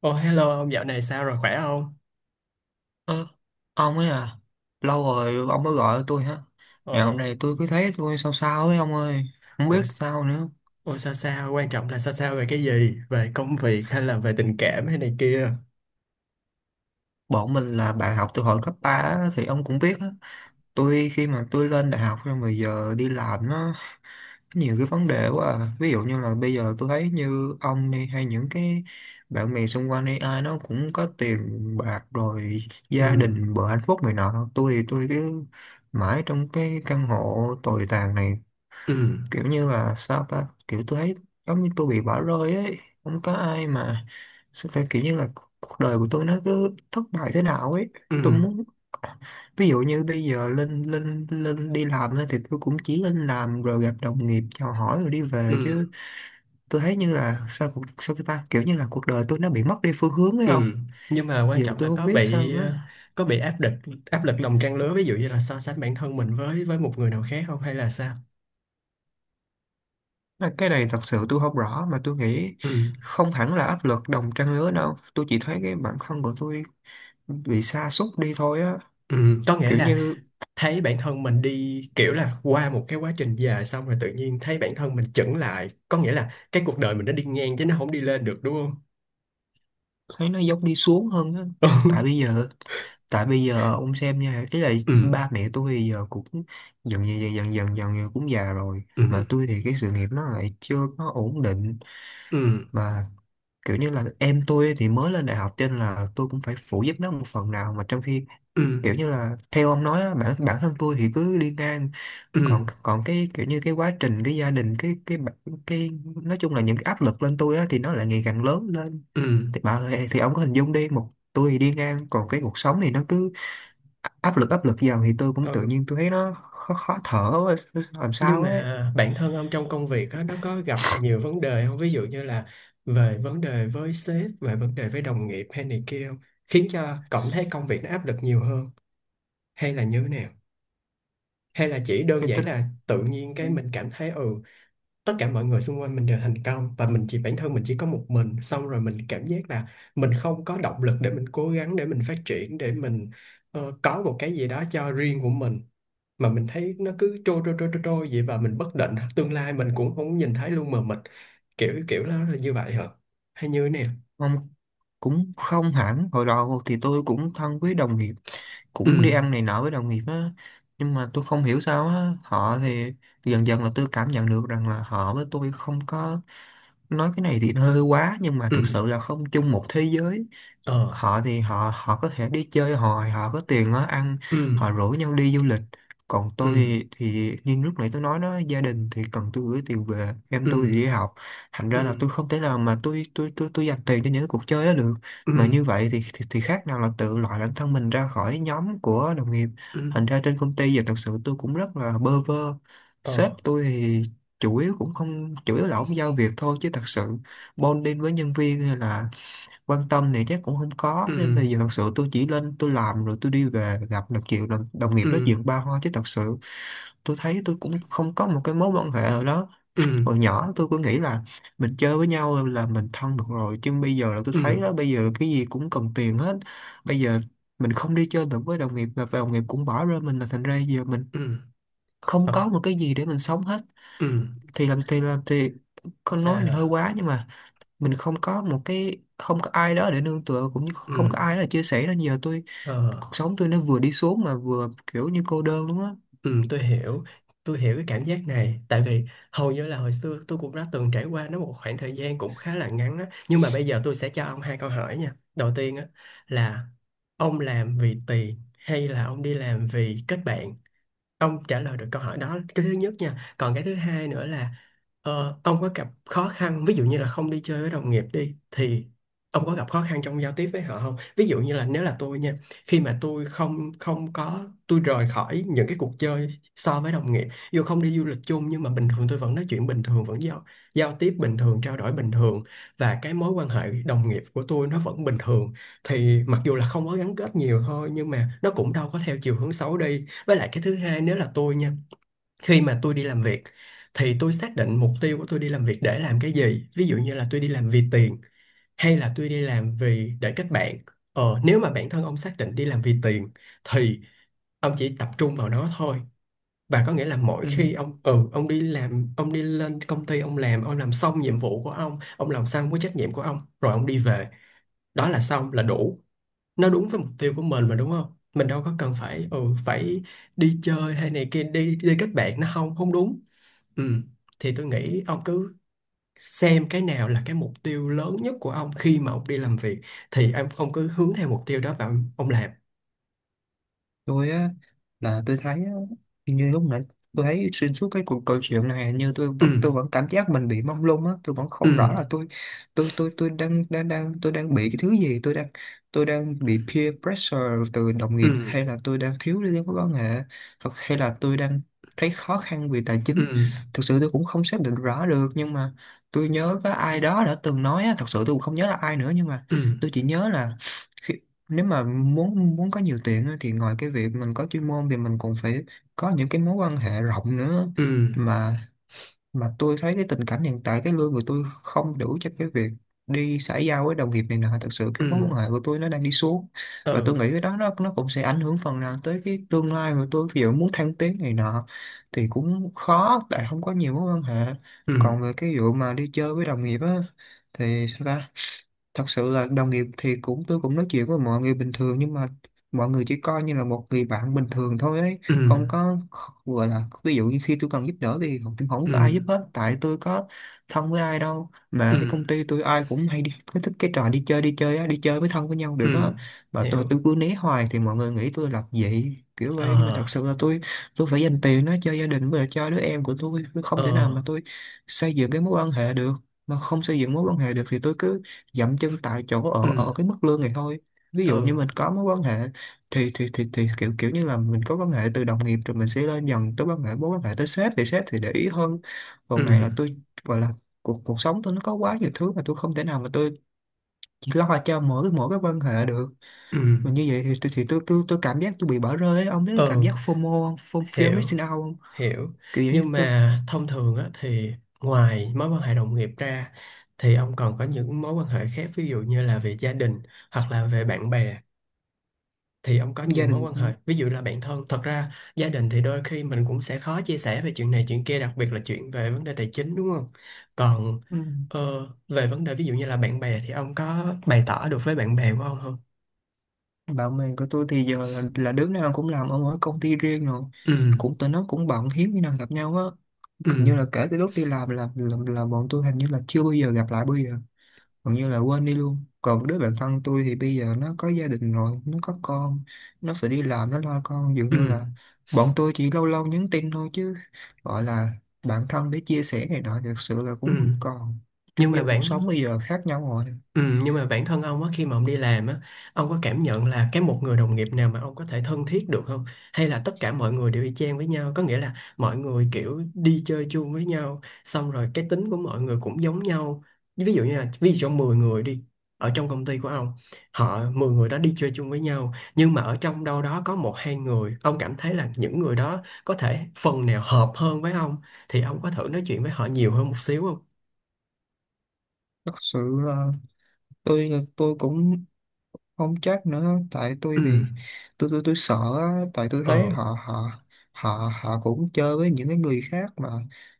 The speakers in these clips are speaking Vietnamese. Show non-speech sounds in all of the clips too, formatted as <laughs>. Ồ hello ông dạo này sao rồi khỏe không? Ơ, ông ấy à, lâu rồi ông mới gọi tôi hả? Ồ, Ngày hôm nay tôi cứ thấy tôi sao sao ấy ông ơi, không ồ, biết s- sao nữa. ồ sao sao quan trọng là sao sao về cái gì? Về công việc hay là về tình cảm hay này kia? Bọn mình là bạn học từ hồi cấp 3 á, thì ông cũng biết á. Tôi khi mà tôi lên đại học rồi mà giờ đi làm nó nhiều cái vấn đề quá à. Ví dụ như là bây giờ tôi thấy như ông đi hay những cái bạn bè xung quanh đi ai nó cũng có tiền bạc rồi Ừ. gia đình bữa hạnh phúc này nọ, tôi thì tôi cứ mãi trong cái căn hộ tồi tàn này, Ừ. kiểu như là sao ta, kiểu tôi thấy giống như tôi bị bỏ rơi ấy, không có ai mà sao ta, kiểu như là cuộc đời của tôi nó cứ thất bại thế nào ấy. Tôi Ừ. muốn, ví dụ như bây giờ lên lên lên đi làm ấy, thì tôi cũng chỉ lên làm rồi gặp đồng nghiệp chào hỏi rồi đi Ừ. về chứ. Tôi thấy như là sao cuộc sao cái ta, kiểu như là cuộc đời tôi nó bị mất đi phương hướng ấy không? Ừ. Nhưng mà quan Giờ trọng là tôi không biết sao nữa. Có bị áp lực lòng trang lứa ví dụ như là so sánh bản thân mình với một người nào khác không hay là sao? Mà cái này thật sự tôi không rõ, mà tôi nghĩ Ừ. không hẳn là áp lực đồng trang lứa đâu, tôi chỉ thấy cái bản thân của tôi bị sa sút đi thôi á, Ừ. Có nghĩa kiểu là như thấy bản thân mình đi kiểu là qua một cái quá trình dài xong rồi tự nhiên thấy bản thân mình chững lại, có nghĩa là cái cuộc đời mình nó đi ngang chứ nó không đi lên được đúng không? thấy nó giống đi xuống hơn á. Tại <laughs> bây giờ, tại bây giờ ông xem nha, ý là Ừ. ba mẹ tôi thì giờ cũng dần dần dần dần dần dần, cũng già rồi, Ừ. mà tôi thì cái sự nghiệp nó lại chưa có ổn định, Ừ. mà kiểu như là em tôi thì mới lên đại học cho nên là tôi cũng phải phụ giúp nó một phần nào, mà trong khi Ừ. kiểu như là theo ông nói á, bản bản thân tôi thì cứ đi ngang, Ừ. còn còn cái kiểu như cái quá trình cái gia đình cái, nói chung là những cái áp lực lên tôi á thì nó lại ngày càng lớn lên. Ừ. Thì bà ơi, thì ông có hình dung đi, một tôi thì đi ngang còn cái cuộc sống thì nó cứ áp lực vào, thì tôi cũng Ờ, tự nhiên tôi thấy nó khó, khó thở quá, làm nhưng sao ấy. mà bản thân ông trong công việc á, nó có gặp nhiều vấn đề không, ví dụ như là về vấn đề với sếp, về vấn đề với đồng nghiệp hay này kia không, khiến cho cảm thấy công việc nó áp lực nhiều hơn, hay là như thế nào? Hay là chỉ đơn Tôi giản tin là tự nhiên cái mình cảm thấy ừ tất cả mọi người xung quanh mình đều thành công và mình chỉ bản thân mình chỉ có một mình, xong rồi mình cảm giác là mình không có động lực để mình cố gắng, để mình phát triển, để mình có một cái gì đó cho riêng của mình, mà mình thấy nó cứ trôi trôi trôi trôi trôi vậy và mình bất định, tương lai mình cũng không nhìn thấy luôn, mà mình kiểu kiểu nó là như vậy hả? Hay như thế này? ông. Cũng không hẳn, hồi đầu thì tôi cũng thân với đồng nghiệp, Ừ. cũng đi ăn này nọ với đồng nghiệp á. Nhưng mà tôi không hiểu sao á, họ thì dần dần là tôi cảm nhận được rằng là họ với tôi không có, nói cái này thì nó hơi quá nhưng mà Ừ. thực sự là không chung một thế giới. Ờ. Họ thì họ họ có thể đi chơi, họ họ có tiền á, ăn Ừ. họ rủ nhau đi du lịch. Còn Ừ. tôi thì như lúc nãy tôi nói đó, gia đình thì cần tôi gửi tiền về, em tôi thì Ừ. đi học, thành Ừ. ra là tôi không thể nào mà tôi dành tiền cho những cái cuộc chơi đó được. Ừ. Mà như vậy thì khác nào là tự loại bản thân mình ra khỏi nhóm của đồng nghiệp. Ừ. Thành ra trên công ty giờ thật sự tôi cũng rất là bơ vơ. Ờ. Sếp tôi thì chủ yếu cũng không, chủ yếu là ổng giao việc thôi chứ thật sự bonding với nhân viên hay là quan tâm thì chắc cũng không có, Ừ. nên bây giờ thật sự tôi chỉ lên tôi làm rồi tôi đi về, gặp được chuyện đồng, đồng nghiệp Ừ. nói chuyện ba hoa chứ thật sự tôi thấy tôi cũng không có một cái mối quan hệ nào đó. Ừ. Hồi nhỏ tôi cứ nghĩ là mình chơi với nhau là mình thân được rồi, chứ bây giờ là tôi Ừ. Ừ. thấy đó, bây giờ là cái gì cũng cần tiền hết. Bây giờ mình không đi chơi được với đồng nghiệp là đồng nghiệp cũng bỏ rơi mình, là thành ra giờ mình Ừ. không Thật. có một cái gì để mình sống hết. Ừ. Thì làm thì làm thì, con nói thì hơi À. quá nhưng mà mình không có một cái, không có ai đó để nương tựa cũng như không Ừ. có ai đó để chia sẻ, nên giờ tôi cuộc Ờ. sống tôi nó vừa đi xuống mà vừa kiểu như cô đơn luôn á. Ừ. Tôi hiểu, tôi hiểu cái cảm giác này, tại vì hầu như là hồi xưa tôi cũng đã từng trải qua nó một khoảng thời gian cũng khá là ngắn á, nhưng mà bây giờ tôi sẽ cho ông hai câu hỏi nha. Đầu tiên á là ông làm vì tiền hay là ông đi làm vì kết bạn? Ông trả lời được câu hỏi đó cái thứ nhất nha, còn cái thứ hai nữa là ông có gặp khó khăn ví dụ như là không đi chơi với đồng nghiệp đi, thì ông có gặp khó khăn trong giao tiếp với họ không? Ví dụ như là nếu là tôi nha, khi mà tôi không không có, tôi rời khỏi những cái cuộc chơi so với đồng nghiệp, dù không đi du lịch chung nhưng mà bình thường tôi vẫn nói chuyện bình thường, vẫn giao giao tiếp bình thường, trao đổi bình thường, và cái mối quan hệ đồng nghiệp của tôi nó vẫn bình thường, thì mặc dù là không có gắn kết nhiều thôi nhưng mà nó cũng đâu có theo chiều hướng xấu đi. Với lại cái thứ hai nếu là tôi nha, khi mà tôi đi làm việc thì tôi xác định mục tiêu của tôi đi làm việc để làm cái gì. Ví dụ như là tôi đi làm vì tiền hay là tôi đi làm vì để kết bạn. Ờ, nếu mà bản thân ông xác định đi làm vì tiền thì ông chỉ tập trung vào nó thôi. Và có nghĩa là mỗi Ừ. khi ông ừ ông đi làm, ông đi lên công ty, ông làm, ông làm xong nhiệm vụ của ông làm xong cái trách nhiệm của ông rồi ông đi về, đó là xong là đủ, nó đúng với mục tiêu của mình mà đúng không? Mình đâu có cần phải ừ phải đi chơi hay này kia đi đi kết bạn, nó không không đúng. Ừ, thì tôi nghĩ ông cứ xem cái nào là cái mục tiêu lớn nhất của ông khi mà ông đi làm việc, thì em ông cứ hướng theo mục tiêu đó và ông làm. Tôi á, là tôi thấy á, như lúc nãy tôi thấy xuyên suốt cái cuộc câu chuyện này như tôi Ừ. vẫn tôi vẫn cảm giác mình bị mông lung á, tôi vẫn Ừ. không rõ là tôi, tôi đang đang đang tôi đang bị cái thứ gì, tôi đang, tôi đang bị peer pressure từ đồng Ừ. nghiệp, hay là tôi đang thiếu liên mối quan hệ, hoặc hay là tôi đang thấy khó khăn về tài Ừ. chính. Thực sự tôi cũng không xác định rõ được, nhưng mà tôi nhớ có ai đó đã từng nói á, thật sự tôi cũng không nhớ là ai nữa, nhưng mà Ừ. tôi chỉ nhớ là khi- nếu mà muốn muốn có nhiều tiền á, thì ngoài cái việc mình có chuyên môn thì mình còn phải có những cái mối quan hệ rộng nữa. Ừ. Mà mà tôi thấy cái tình cảnh hiện tại cái lương của tôi không đủ cho cái việc đi xã giao với đồng nghiệp này nọ, thật sự Ừ. cái mối quan hệ của tôi nó đang đi xuống. Và tôi Ừ. nghĩ cái đó nó cũng sẽ ảnh hưởng phần nào tới cái tương lai của tôi, ví dụ muốn thăng tiến này nọ thì cũng khó tại không có nhiều mối quan hệ. Còn Ừ. về cái vụ mà đi chơi với đồng nghiệp á, thì sao ta? Thật sự là đồng nghiệp thì cũng, tôi cũng nói chuyện với mọi người bình thường, nhưng mà mọi người chỉ coi như là một người bạn bình thường thôi ấy, Ừ. không có, gọi là ví dụ như khi tôi cần giúp đỡ thì không, không Ừ. có ai giúp hết, tại tôi có thân với ai đâu, Ừ. mà cái công ty tôi ai cũng hay đi cái, thích cái trò đi chơi, đi chơi á, đi chơi với, thân với nhau được á. Ừ. Mà tôi Hiểu. tôi cứ né hoài thì mọi người nghĩ tôi lập dị kiểu Ờ. vậy, nhưng mà thật sự là tôi phải dành tiền nó cho gia đình với lại cho đứa em của tôi không Ờ. thể nào mà tôi xây dựng cái mối quan hệ được. Mà không xây dựng mối quan hệ được thì tôi cứ dậm chân tại chỗ Ừ. ở ở cái mức lương này thôi. Ví Ừ. dụ như mình có mối quan hệ thì kiểu kiểu như là mình có quan hệ từ đồng nghiệp rồi mình sẽ lên dần tới quan hệ mối quan hệ tới sếp thì để ý hơn. Ừ. Còn này là tôi gọi là cuộc cuộc sống tôi nó có quá nhiều thứ mà tôi không thể nào mà tôi chỉ lo cho mỗi mỗi cái quan hệ được. Ừ. Mà như vậy thì tôi cứ tôi cảm giác tôi bị bỏ rơi ấy. Ông biết cái cảm Ừ. giác FOMO không? Form fear Hiểu. missing out không, Hiểu. kiểu vậy. Nhưng Tôi mà thông thường á thì ngoài mối quan hệ đồng nghiệp ra thì ông còn có những mối quan hệ khác, ví dụ như là về gia đình hoặc là về bạn bè, thì ông có nhiều gia mối đình, quan hệ ví dụ là bạn thân. Thật ra gia đình thì đôi khi mình cũng sẽ khó chia sẻ về chuyện này chuyện kia, đặc biệt là chuyện về vấn đề tài chính đúng không? Còn ừ. ờ, về vấn đề ví dụ như là bạn bè thì ông có bày tỏ được với bạn bè của ông không? Bạn bè của tôi thì giờ là đứa nào cũng làm ở mỗi công ty riêng rồi, Ừ. cũng tụi nó cũng bận, hiếm khi nào gặp nhau á. Ừ. Hình như là kể từ lúc đi làm là, là bọn tôi hình như là chưa bao giờ gặp lại, bây giờ gần như là quên đi luôn. Còn đứa bạn thân tôi thì bây giờ nó có gia đình rồi, nó có con, nó phải đi làm, nó lo con, dường Ừ. như là bọn tôi chỉ lâu lâu nhắn tin thôi, chứ gọi là bạn thân để chia sẻ này nọ thực sự là Ừ. cũng không còn nhưng chung mà vô, cuộc bạn sống bây giờ khác nhau rồi. Ừ, nhưng mà bản thân ông á khi mà ông đi làm á, ông có cảm nhận là cái một người đồng nghiệp nào mà ông có thể thân thiết được không? Hay là tất cả mọi người đều y chang với nhau, có nghĩa là mọi người kiểu đi chơi chung với nhau xong rồi cái tính của mọi người cũng giống nhau, ví dụ như là ví dụ trong 10 người đi ở trong công ty của ông, họ 10 người đó đi chơi chung với nhau nhưng mà ở trong đâu đó có một hai người ông cảm thấy là những người đó có thể phần nào hợp hơn với ông, thì ông có thử nói chuyện với họ nhiều hơn một xíu không? Thật sự là tôi tôi cũng không chắc nữa, tại tôi Ừ. bị, tôi tôi sợ á, tại tôi thấy Ờ. họ họ cũng chơi với những cái người khác mà,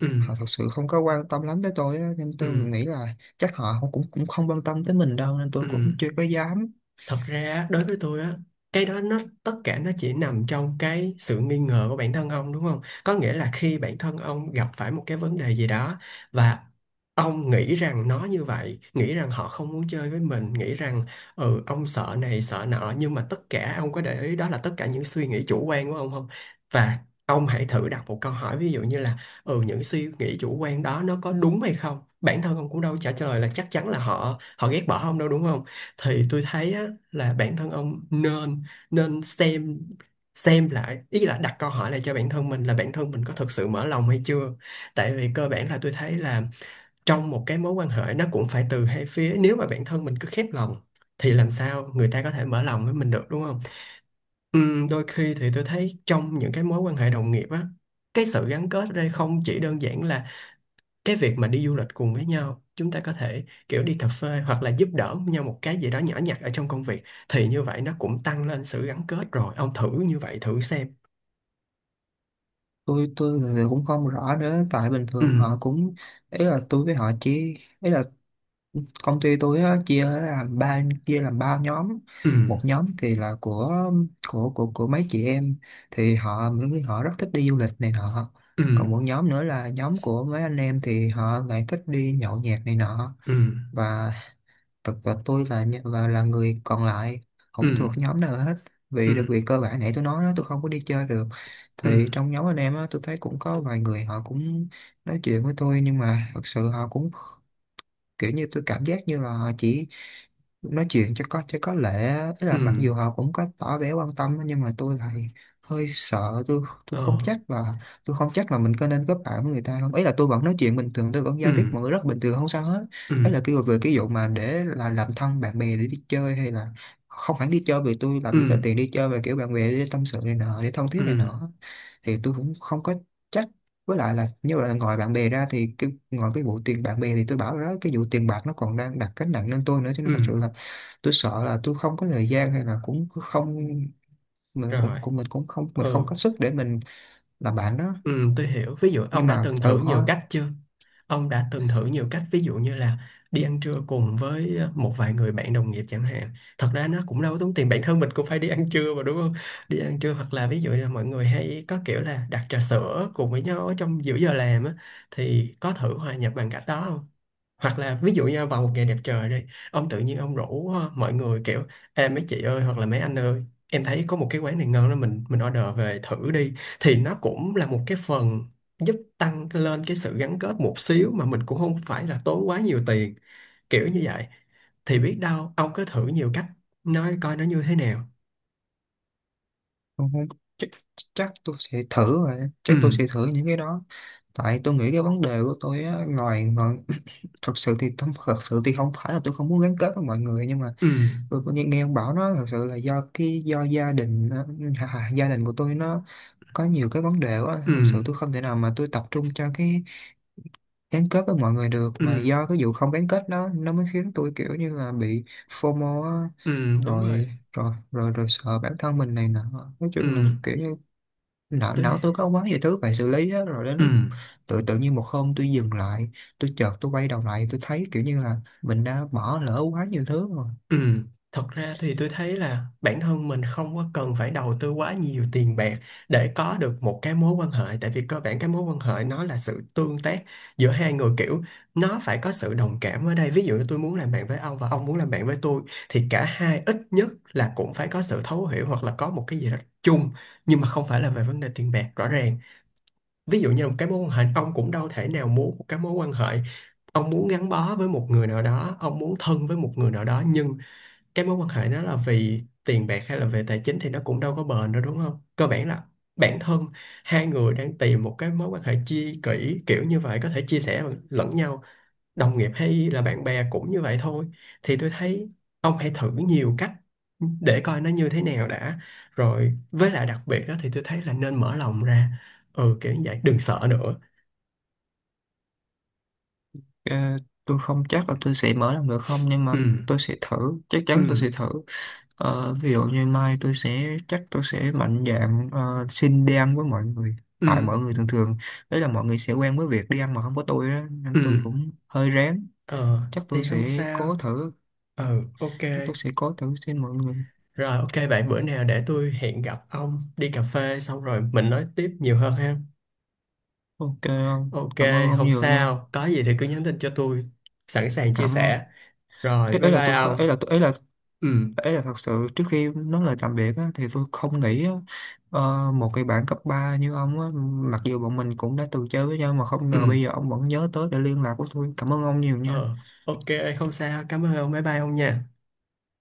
Ừ. họ thật sự không có quan tâm lắm tới tôi á, nên Ừ. tôi nghĩ là chắc họ không- cũng cũng không quan tâm tới mình đâu, nên tôi Ừ, cũng chưa có dám. thật ra đối với tôi á, cái đó nó tất cả nó chỉ nằm trong cái sự nghi ngờ của bản thân ông đúng không? Có nghĩa là khi bản thân ông gặp phải một cái vấn đề gì đó và ông nghĩ rằng nó như vậy, nghĩ rằng họ không muốn chơi với mình, nghĩ rằng ừ ông sợ này sợ nọ, nhưng mà tất cả ông có để ý đó là tất cả những suy nghĩ chủ quan của ông không? Và ông hãy thử đặt một câu hỏi ví dụ như là ừ những suy nghĩ chủ quan đó nó có đúng hay không? Bản thân ông cũng đâu trả lời là chắc chắn là họ họ ghét bỏ ông đâu đúng không? Thì tôi thấy á, là bản thân ông nên nên xem lại, ý là đặt câu hỏi lại cho bản thân mình là bản thân mình có thực sự mở lòng hay chưa. Tại vì cơ bản là tôi thấy là trong một cái mối quan hệ nó cũng phải từ hai phía, nếu mà bản thân mình cứ khép lòng thì làm sao người ta có thể mở lòng với mình được đúng không? Đôi khi thì tôi thấy trong những cái mối quan hệ đồng nghiệp á, cái sự gắn kết ở đây không chỉ đơn giản là cái việc mà đi du lịch cùng với nhau, chúng ta có thể kiểu đi cà phê hoặc là giúp đỡ nhau một cái gì đó nhỏ nhặt ở trong công việc, thì như vậy nó cũng tăng lên sự gắn kết rồi, ông thử như vậy thử xem. Tôi thực cũng không rõ nữa, tại bình Ừ. thường họ cũng, ý là tôi với họ chỉ, ý là công ty tôi á, chia làm ba nhóm. Ừ. Một nhóm thì là của mấy chị em thì họ, họ rất thích đi du lịch này nọ. Ừ. Còn một nhóm nữa là nhóm của mấy anh em thì họ lại thích đi nhậu nhẹt này nọ. Ừ. Và thực tôi là nh- và là người còn lại, Ừ. không thuộc nhóm nào hết. Ừ. Vì được việc cơ bản nãy tôi nói đó, tôi không có đi chơi được. Ừ. Thì trong nhóm anh em á, tôi thấy cũng có vài người họ cũng nói chuyện với tôi, nhưng mà thật sự họ cũng kiểu như tôi cảm giác như là họ chỉ nói chuyện cho có, cho có lệ á. Tức là Ừ. mặc dù họ cũng có tỏ vẻ quan tâm á, nhưng mà tôi lại hơi sợ. Tôi Ờ. không chắc là mình có nên kết bạn với người ta không. Ấy là tôi vẫn nói chuyện bình thường, tôi vẫn Ừ. giao tiếp mọi người rất bình thường, không sao hết. Ừ. Ấy là kêu về cái vụ mà để là làm thân bạn bè để đi chơi hay là không hẳn đi chơi, vì tôi làm Ừ. gì có tiền đi chơi, mà kiểu bạn bè để tâm sự này nọ, để thân Ừ. thiết này nọ thì tôi cũng không có chắc. Với lại là như vậy, là ngoài bạn bè ra thì ngoài cái vụ tiền bạn bè, thì tôi bảo rồi đó, cái vụ tiền bạc nó còn đang đặt gánh nặng lên tôi nữa, cho Ừ. nên thật sự là tôi sợ là tôi không có thời gian, hay là cũng không, mình cũng Rồi. cũng mình cũng không, mình Ừ. không có sức để mình làm bạn đó. Ừ, tôi hiểu. Ví dụ ông Nhưng đã mà từng thử từ nhiều khó. cách chưa? Ông đã từng thử nhiều cách ví dụ như là đi ăn trưa cùng với một vài người bạn đồng nghiệp chẳng hạn. Thật ra nó cũng đâu có tốn tiền, bản thân mình cũng phải đi ăn trưa mà đúng không? Đi ăn trưa hoặc là ví dụ là mọi người hay có kiểu là đặt trà sữa cùng với nhau ở trong giữa giờ làm á, thì có thử hòa nhập bằng cách đó không? Hoặc là ví dụ như vào một ngày đẹp trời đi, ông tự nhiên ông rủ mọi người kiểu em mấy chị ơi hoặc là mấy anh ơi em thấy có một cái quán này ngon đó, mình order về thử đi, thì nó cũng là một cái phần giúp tăng lên cái sự gắn kết một xíu mà mình cũng không phải là tốn quá nhiều tiền, kiểu như vậy, thì biết đâu ông cứ thử nhiều cách, nói coi nó như thế nào. Không, không, chắc, chắc tôi sẽ thử, rồi Ừ. chắc tôi sẽ thử những cái đó. Tại tôi nghĩ cái vấn đề của tôi á, ngoài ngoài <clears throat> thật sự thì không phải là tôi không muốn gắn kết với mọi người, nhưng mà Ừ. tôi có nghe ông bảo nó thật sự là do do gia đình ờ, gia đình của tôi nó có nhiều cái vấn đề quá, Ừ. thật sự tôi không thể nào mà tôi tập trung cho cái gắn kết với mọi người được. Mà Ừ. do cái vụ không gắn kết đó nó mới khiến tôi kiểu như là bị FOMO á. Ừ. Đúng Rồi, rồi. rồi sợ bản thân mình này nọ. Nói Ừ. chung là kiểu như não Tôi. não tôi có quá nhiều thứ phải xử lý á. Rồi đến Ừ. lúc tự tự nhiên một hôm tôi dừng lại, tôi chợt tôi quay đầu lại, tôi thấy kiểu như là mình đã bỏ lỡ quá nhiều thứ. Ừ, thật ra thì tôi thấy là bản thân mình không có cần phải đầu tư quá nhiều tiền bạc để có được một cái mối quan hệ, tại vì cơ bản cái mối quan hệ nó là sự tương tác giữa hai người, kiểu nó phải có sự đồng cảm ở đây, ví dụ như tôi muốn làm bạn với ông và ông muốn làm bạn với tôi thì cả hai ít nhất là cũng phải có sự thấu hiểu hoặc là có một cái gì đó chung, nhưng mà không phải là về vấn đề tiền bạc rõ ràng. Ví dụ như là một cái mối quan hệ, ông cũng đâu thể nào muốn một cái mối quan hệ, ông muốn gắn bó với một người nào đó, ông muốn thân với một người nào đó nhưng cái mối quan hệ nó là vì tiền bạc hay là về tài chính thì nó cũng đâu có bền đâu đúng không? Cơ bản là bản thân hai người đang tìm một cái mối quan hệ chi kỷ kiểu như vậy có thể chia sẻ lẫn nhau, đồng nghiệp hay là bạn bè cũng như vậy thôi. Thì tôi thấy ông hãy thử nhiều cách để coi nó như thế nào đã. Rồi với lại đặc biệt đó thì tôi thấy là nên mở lòng ra. Ừ kiểu như vậy, đừng sợ nữa. Ờ, tôi không chắc là tôi sẽ mở làm được không, nhưng Ừ. mà tôi sẽ thử, chắc Ừ. chắn tôi sẽ thử. Ờ, ví dụ như mai tôi sẽ chắc tôi sẽ mạnh dạn, xin đi ăn với mọi người. Ừ. Tại mọi người thường thường, đấy là mọi người sẽ quen với việc đi ăn mà không có tôi đó, Ừ. nên tôi cũng hơi rén. Ờ, Chắc tôi thì không sẽ sao. cố thử, Ừ, ok. chắc tôi sẽ cố thử xin mọi người. Rồi, ok bạn, bữa nào để tôi hẹn gặp ông đi cà phê xong rồi mình nói tiếp nhiều hơn ha. Ok không, Ok, cảm ơn ông không nhiều nha. sao, có gì thì cứ nhắn tin cho tôi, sẵn sàng chia Cảm ơn. sẻ. Rồi Ấy, bye ấy là bye tôi kh- ông. ấy là tôi Ừ. ấy là thật sự trước khi nói lời tạm biệt á, thì tôi không nghĩ á, ờ, một cái bạn cấp 3 như ông á, mặc dù bọn mình cũng đã từng chơi với nhau, mà không Ừ. ngờ bây giờ ông vẫn nhớ tới để liên lạc của tôi. Cảm ơn ông nhiều nha. Ờ. Ok, không sao, cảm ơn ông, bye bye ông nha.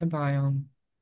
Bye bye ông.